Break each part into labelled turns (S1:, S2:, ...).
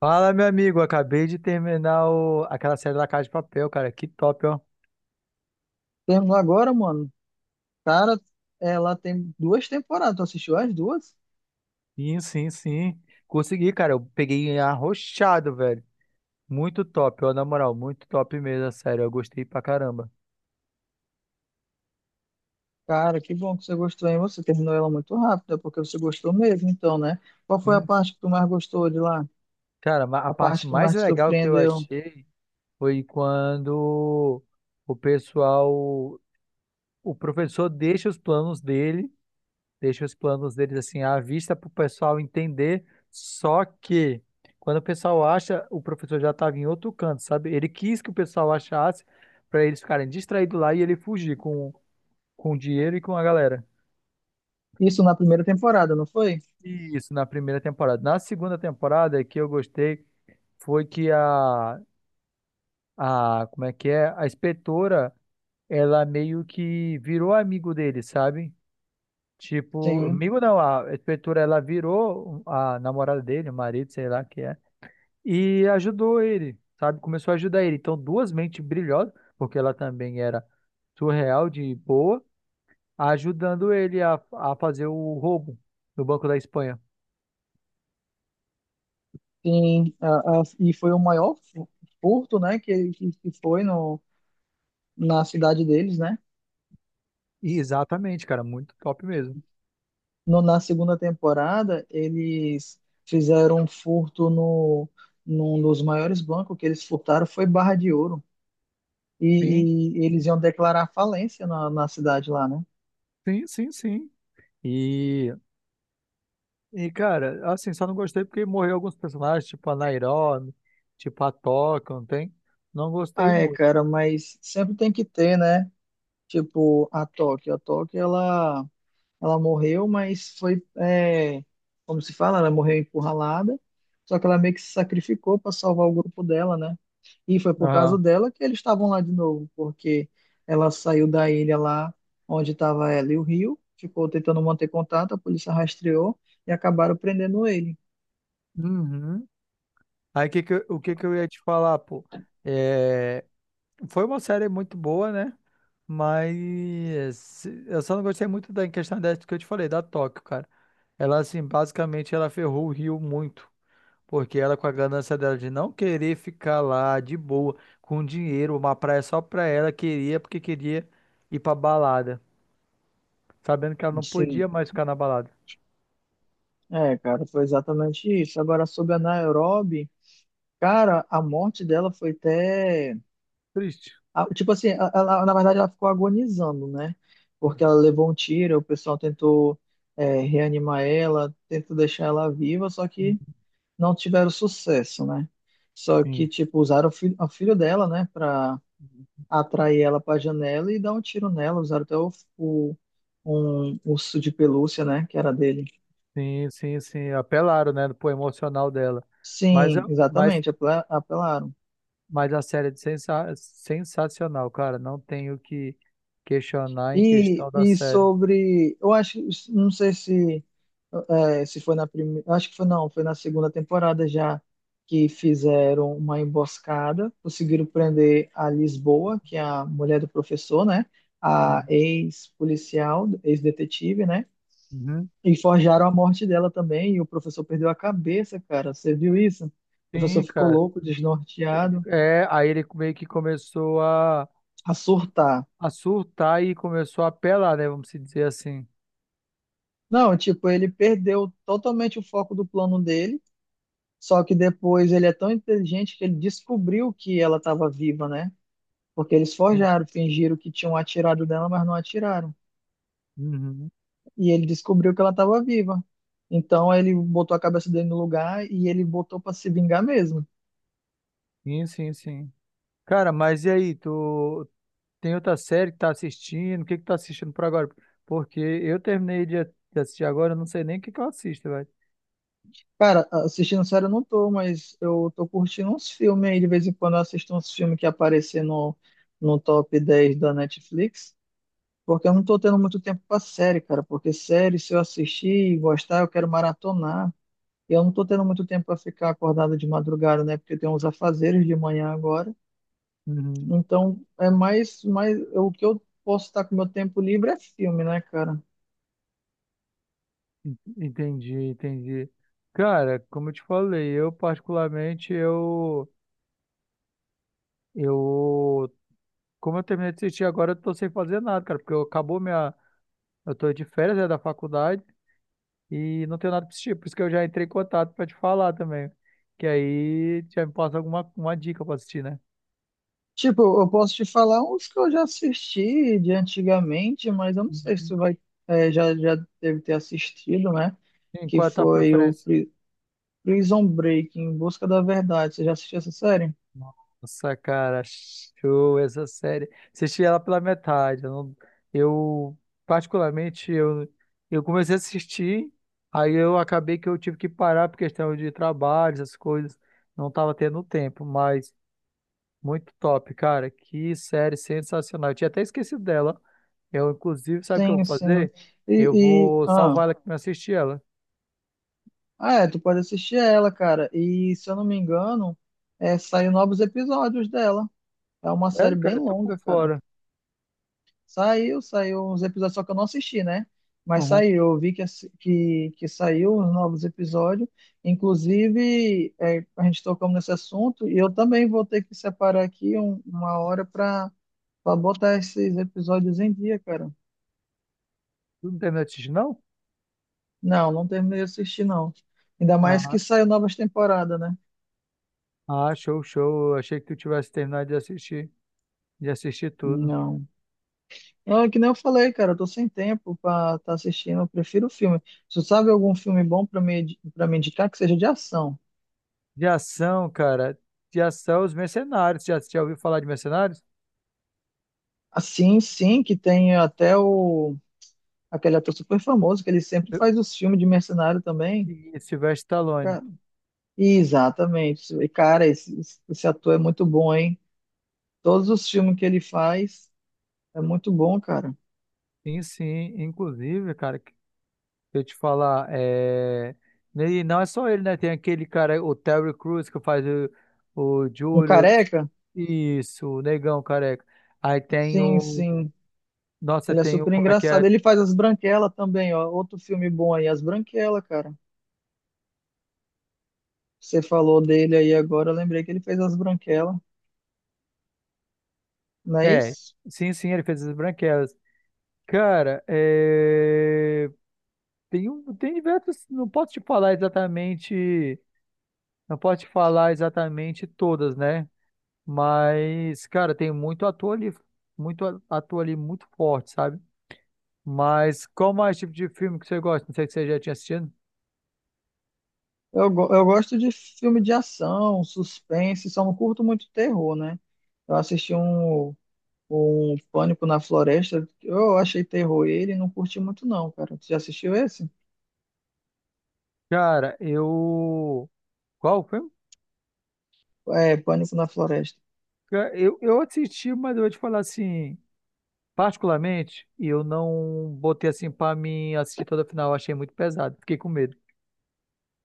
S1: Fala, meu amigo. Acabei de terminar o... aquela série da Casa de Papel, cara. Que top, ó.
S2: Temos agora, mano. Cara, ela tem duas temporadas. Tu assistiu as duas?
S1: Sim, sim, sim. Consegui, cara. Eu peguei arrochado, velho. Muito top, ó. Na moral, muito top mesmo, a série. Eu gostei pra caramba.
S2: Cara, que bom que você gostou, hein? Você terminou ela muito rápido, é porque você gostou mesmo, então, né? Qual foi a
S1: Sim.
S2: parte que tu mais gostou de lá?
S1: Cara, a
S2: A
S1: parte
S2: parte que
S1: mais
S2: mais te
S1: legal que eu
S2: surpreendeu?
S1: achei foi quando o pessoal, o professor deixa os planos dele. Deixa os planos deles assim à vista para o pessoal entender. Só que quando o pessoal acha, o professor já estava em outro canto, sabe? Ele quis que o pessoal achasse para eles ficarem distraídos lá e ele fugir com o dinheiro e com a galera.
S2: Isso na primeira temporada, não foi?
S1: Isso na primeira temporada. Na segunda temporada que eu gostei foi que a como é que é? A inspetora, ela meio que virou amigo dele, sabe? Tipo,
S2: Sim,
S1: amigo não, a inspetora, ela virou a namorada dele, o marido, sei lá, que é e ajudou ele, sabe? Começou a ajudar ele. Então, duas mentes brilhosas, porque ela também era surreal de boa, ajudando ele a fazer o roubo no Banco da Espanha.
S2: sim. E foi o maior furto, né? Que foi no, na cidade deles, né?
S1: E exatamente, cara, muito top mesmo.
S2: Na segunda temporada, eles fizeram um furto no, num dos maiores bancos que eles furtaram, foi Barra de Ouro.
S1: Sim,
S2: E eles iam declarar falência na cidade lá, né?
S1: sim, sim, sim. E, e cara, assim, só não gostei porque morreu alguns personagens, tipo a Nairobi, tipo a Toca, não tem? Não
S2: Ah,
S1: gostei
S2: é,
S1: muito.
S2: cara, mas sempre tem que ter, né? Tipo, a Tóquio. A Tóquio, ela... Ela morreu, mas foi, é, como se fala, ela morreu encurralada, só que ela meio que se sacrificou para salvar o grupo dela, né? E foi por causa
S1: Aham.
S2: dela que eles estavam lá de novo, porque ela saiu da ilha lá onde estava ela e o Rio, ficou tentando manter contato, a polícia rastreou e acabaram prendendo ele.
S1: Uhum. Aí o que que eu ia te falar, pô? É, Foi uma série muito boa, né? Mas eu só não gostei muito da em questão dessa que eu te falei, da Tóquio, cara. Ela, assim, basicamente ela ferrou o Rio muito. Porque ela, com a ganância dela de não querer ficar lá de boa, com dinheiro, uma praia só pra ela, queria porque queria ir pra balada. Sabendo que ela não podia
S2: Sim,
S1: mais ficar na balada.
S2: é, cara, foi exatamente isso. Agora, sobre a Nairobi, cara, a morte dela foi até...
S1: Triste.
S2: Ah, tipo assim, ela, na verdade ela ficou agonizando, né? Porque ela levou um tiro, o pessoal tentou reanimar ela, tentou deixar ela viva, só que não tiveram sucesso, né? Só que,
S1: Sim,
S2: tipo, usaram o filho dela, né, pra atrair ela pra janela e dar um tiro nela. Usaram até o, um urso de pelúcia, né, que era dele.
S1: sim, sim, sim. Apelaram, né, pro emocional dela. Mas,
S2: Sim,
S1: eu- mas
S2: exatamente, apelaram.
S1: Mas a série é sensacional, cara. Não tenho o que questionar em questão da
S2: E
S1: série.
S2: sobre, eu acho, não sei se é, se foi na primeira, acho que foi não, foi na segunda temporada já que fizeram uma emboscada, conseguiram prender a Lisboa, que é a mulher do professor, né? A ex-policial, ex-detetive, né?
S1: Uhum.
S2: E forjaram a morte dela também, e o professor perdeu a cabeça, cara. Você viu isso? O professor
S1: Sim,
S2: ficou
S1: cara.
S2: louco, desnorteado,
S1: É, aí ele meio que começou
S2: a surtar.
S1: a surtar e começou a apelar, né? Vamos se dizer assim.
S2: Não, tipo, ele perdeu totalmente o foco do plano dele. Só que depois ele é tão inteligente que ele descobriu que ela estava viva, né? Porque eles
S1: Sim.
S2: forjaram, fingiram que tinham atirado dela, mas não atiraram.
S1: Uhum.
S2: E ele descobriu que ela estava viva. Então ele botou a cabeça dele no lugar e ele botou para se vingar mesmo.
S1: Sim, sim, sim. Cara, mas e aí? Tu tem outra série que tá assistindo? O que que tá assistindo por agora? Porque eu terminei de assistir agora, eu não sei nem o que que eu assisto, velho.
S2: Cara, assistindo série eu não tô, mas eu tô curtindo uns filmes aí. De vez em quando eu assisto uns filmes que aparecem no top 10 da Netflix. Porque eu não tô tendo muito tempo pra série, cara. Porque série, se eu assistir e gostar, eu quero maratonar. Eu não estou tendo muito tempo para ficar acordado de madrugada, né? Porque tem uns afazeres de manhã agora.
S1: Uhum.
S2: Então, é mais o que eu posso estar com meu tempo livre é filme, né, cara?
S1: Entendi, entendi. Cara, como eu te falei, eu particularmente, eu, como eu terminei de assistir agora, eu tô sem fazer nada, cara, porque eu, acabou minha, eu tô de férias, né, da faculdade e não tenho nada pra assistir, por isso que eu já entrei em contato pra te falar também, que aí já me passa alguma uma dica pra assistir, né?
S2: Tipo, eu posso te falar uns que eu já assisti de antigamente, mas eu não sei se
S1: Uhum.
S2: tu vai, já deve ter assistido, né?
S1: Sim,
S2: Que
S1: qual é a tua
S2: foi o
S1: preferência?
S2: Prison Break, Em Busca da Verdade. Você já assistiu essa série?
S1: Nossa, cara, show essa série. Assisti ela pela metade. Eu, não- eu, particularmente, eu comecei a assistir, aí eu acabei que eu tive que parar por questão de trabalho, essas coisas. Não tava tendo tempo, mas muito top, cara. Que série sensacional. Eu tinha até esquecido dela. Eu, inclusive, sabe o que eu vou
S2: Sim, sim.
S1: fazer? Eu
S2: E, e-
S1: vou
S2: ah,
S1: salvar ela aqui pra assistir ela.
S2: Ah, é, tu pode assistir ela, cara. E se eu não me engano, saiu novos episódios dela. É uma série
S1: Sério,
S2: bem
S1: cara, eu tô por
S2: longa, cara.
S1: fora.
S2: Saiu uns episódios, só que eu não assisti, né? Mas
S1: Uhum.
S2: saiu, eu vi que, que saiu os novos episódios. Inclusive, a gente tocou nesse assunto e eu também vou ter que separar aqui uma hora para botar esses episódios em dia, cara.
S1: Tu não terminou de assistir, não?
S2: Não, não terminei de assistir, não. Ainda mais que saiu novas temporadas, né?
S1: Ah, show, show. Eu achei que tu tivesse terminado de assistir tudo.
S2: Não. É que nem eu falei, cara, eu tô sem tempo pra estar assistindo, eu prefiro filme. Se tu sabe algum filme bom pra pra me indicar que seja de ação.
S1: De ação, cara. De ação, os mercenários. Já, já ouviu falar de mercenários?
S2: Assim, sim, que tem até o... aquele ator super famoso, que ele sempre
S1: Eu,
S2: faz os filmes de mercenário também.
S1: e Sylvester Stallone.
S2: Ca- Exatamente. E, cara, esse ator é muito bom, hein? Todos os filmes que ele faz é muito bom, cara.
S1: Sim, sim. Inclusive, cara, deixa eu te falar, é... E não é só ele, né? Tem aquele cara, o Terry Crews, que faz o
S2: Um
S1: Júlio.
S2: careca?
S1: Isso, o negão careca. Aí tem
S2: Sim,
S1: o.
S2: sim.
S1: Nossa,
S2: Ele é
S1: tem o.
S2: super
S1: Como é que é?
S2: engraçado. Ele faz As Branquelas também, ó. Outro filme bom aí, As Branquelas, cara. Você falou dele aí agora, eu lembrei que ele fez As Branquelas, não é
S1: É,
S2: isso?
S1: sim, sim, ele fez as branquelas. Cara, é. Tem diversos, não posso te falar exatamente, não posso te falar exatamente todas, né? Mas, cara, tem muito ator ali, muito ator ali muito forte, sabe? Mas qual mais tipo de filme que você gosta? Não sei se você já tinha assistido.
S2: Eu gosto de filme de ação, suspense, só não curto muito terror, né? Eu assisti um Pânico na Floresta, eu achei terror ele, e não curti muito não, cara. Você já assistiu esse?
S1: Cara, eu qual filme?
S2: É, Pânico na Floresta.
S1: Eu assisti, mas eu vou te falar assim, particularmente, eu não botei assim pra mim assistir toda a final, eu achei muito pesado, fiquei com medo.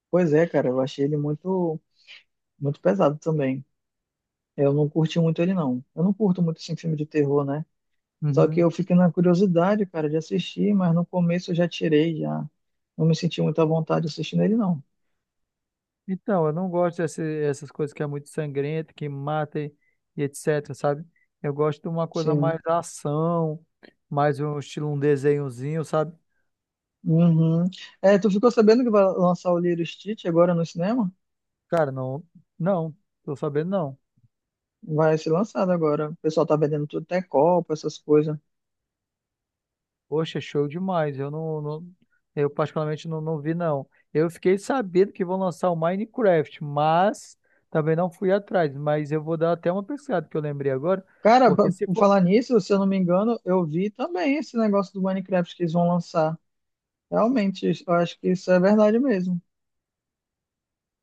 S2: Pois é, cara, eu achei ele muito, muito pesado também. Eu não curti muito ele não. Eu não curto muito assim, filme de terror, né? Só que
S1: Uhum.
S2: eu fiquei na curiosidade, cara, de assistir, mas no começo eu já tirei, já. Não me senti muito à vontade assistindo ele, não.
S1: Então, eu não gosto dessas essas coisas que é muito sangrenta, que mata e etc, sabe? Eu gosto de uma coisa mais
S2: Sim.
S1: ação, mais um estilo, um desenhozinho, sabe?
S2: Uhum. É, tu ficou sabendo que vai lançar o Lilo e Stitch agora no cinema?
S1: Cara, não, não, tô sabendo não.
S2: Vai ser lançado agora. O pessoal tá vendendo tudo, até copo, essas coisas.
S1: Poxa, é show demais. Eu particularmente não, não vi não. Eu fiquei sabendo que vão lançar o Minecraft, mas também não fui atrás. Mas eu vou dar até uma pesquisada que eu lembrei agora,
S2: Cara,
S1: porque se
S2: por
S1: for,
S2: falar nisso, se eu não me engano, eu vi também esse negócio do Minecraft que eles vão lançar. Realmente, eu acho que isso é verdade mesmo.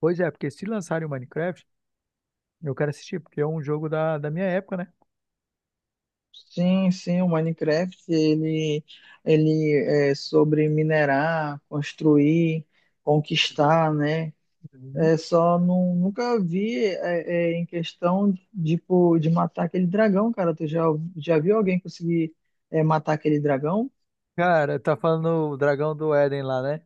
S1: pois é, porque se lançarem o Minecraft, eu quero assistir, porque é um jogo da minha época,
S2: Sim, sim, o Minecraft ele, ele é sobre minerar, construir, conquistar, né?
S1: né?
S2: É só não, nunca vi em questão tipo, de matar aquele dragão, cara. Já viu alguém conseguir matar aquele dragão?
S1: Cara, tá falando o dragão do Éden lá, né?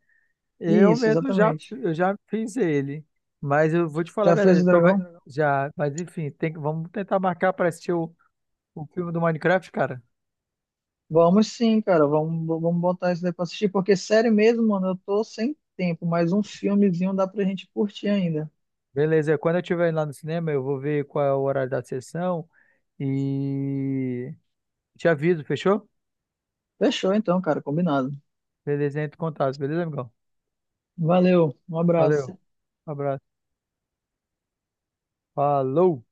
S1: Eu
S2: Isso,
S1: mesmo já,
S2: exatamente.
S1: eu já fiz ele. Mas eu vou te falar a
S2: Já
S1: verdade.
S2: fez o dragão?
S1: Já, mas enfim, vamos tentar marcar para assistir o filme do Minecraft, cara.
S2: Vamos sim, cara. Vamos botar isso daí pra assistir, porque sério mesmo, mano, eu tô sem tempo, mas um filmezinho dá pra gente curtir ainda.
S1: Beleza, quando eu estiver lá no cinema, eu vou ver qual é o horário da sessão e te aviso, fechou?
S2: Fechou então, cara, combinado.
S1: Beleza, entre em contato, beleza, amigão?
S2: Valeu, um
S1: Valeu,
S2: abraço.
S1: abraço. Falou!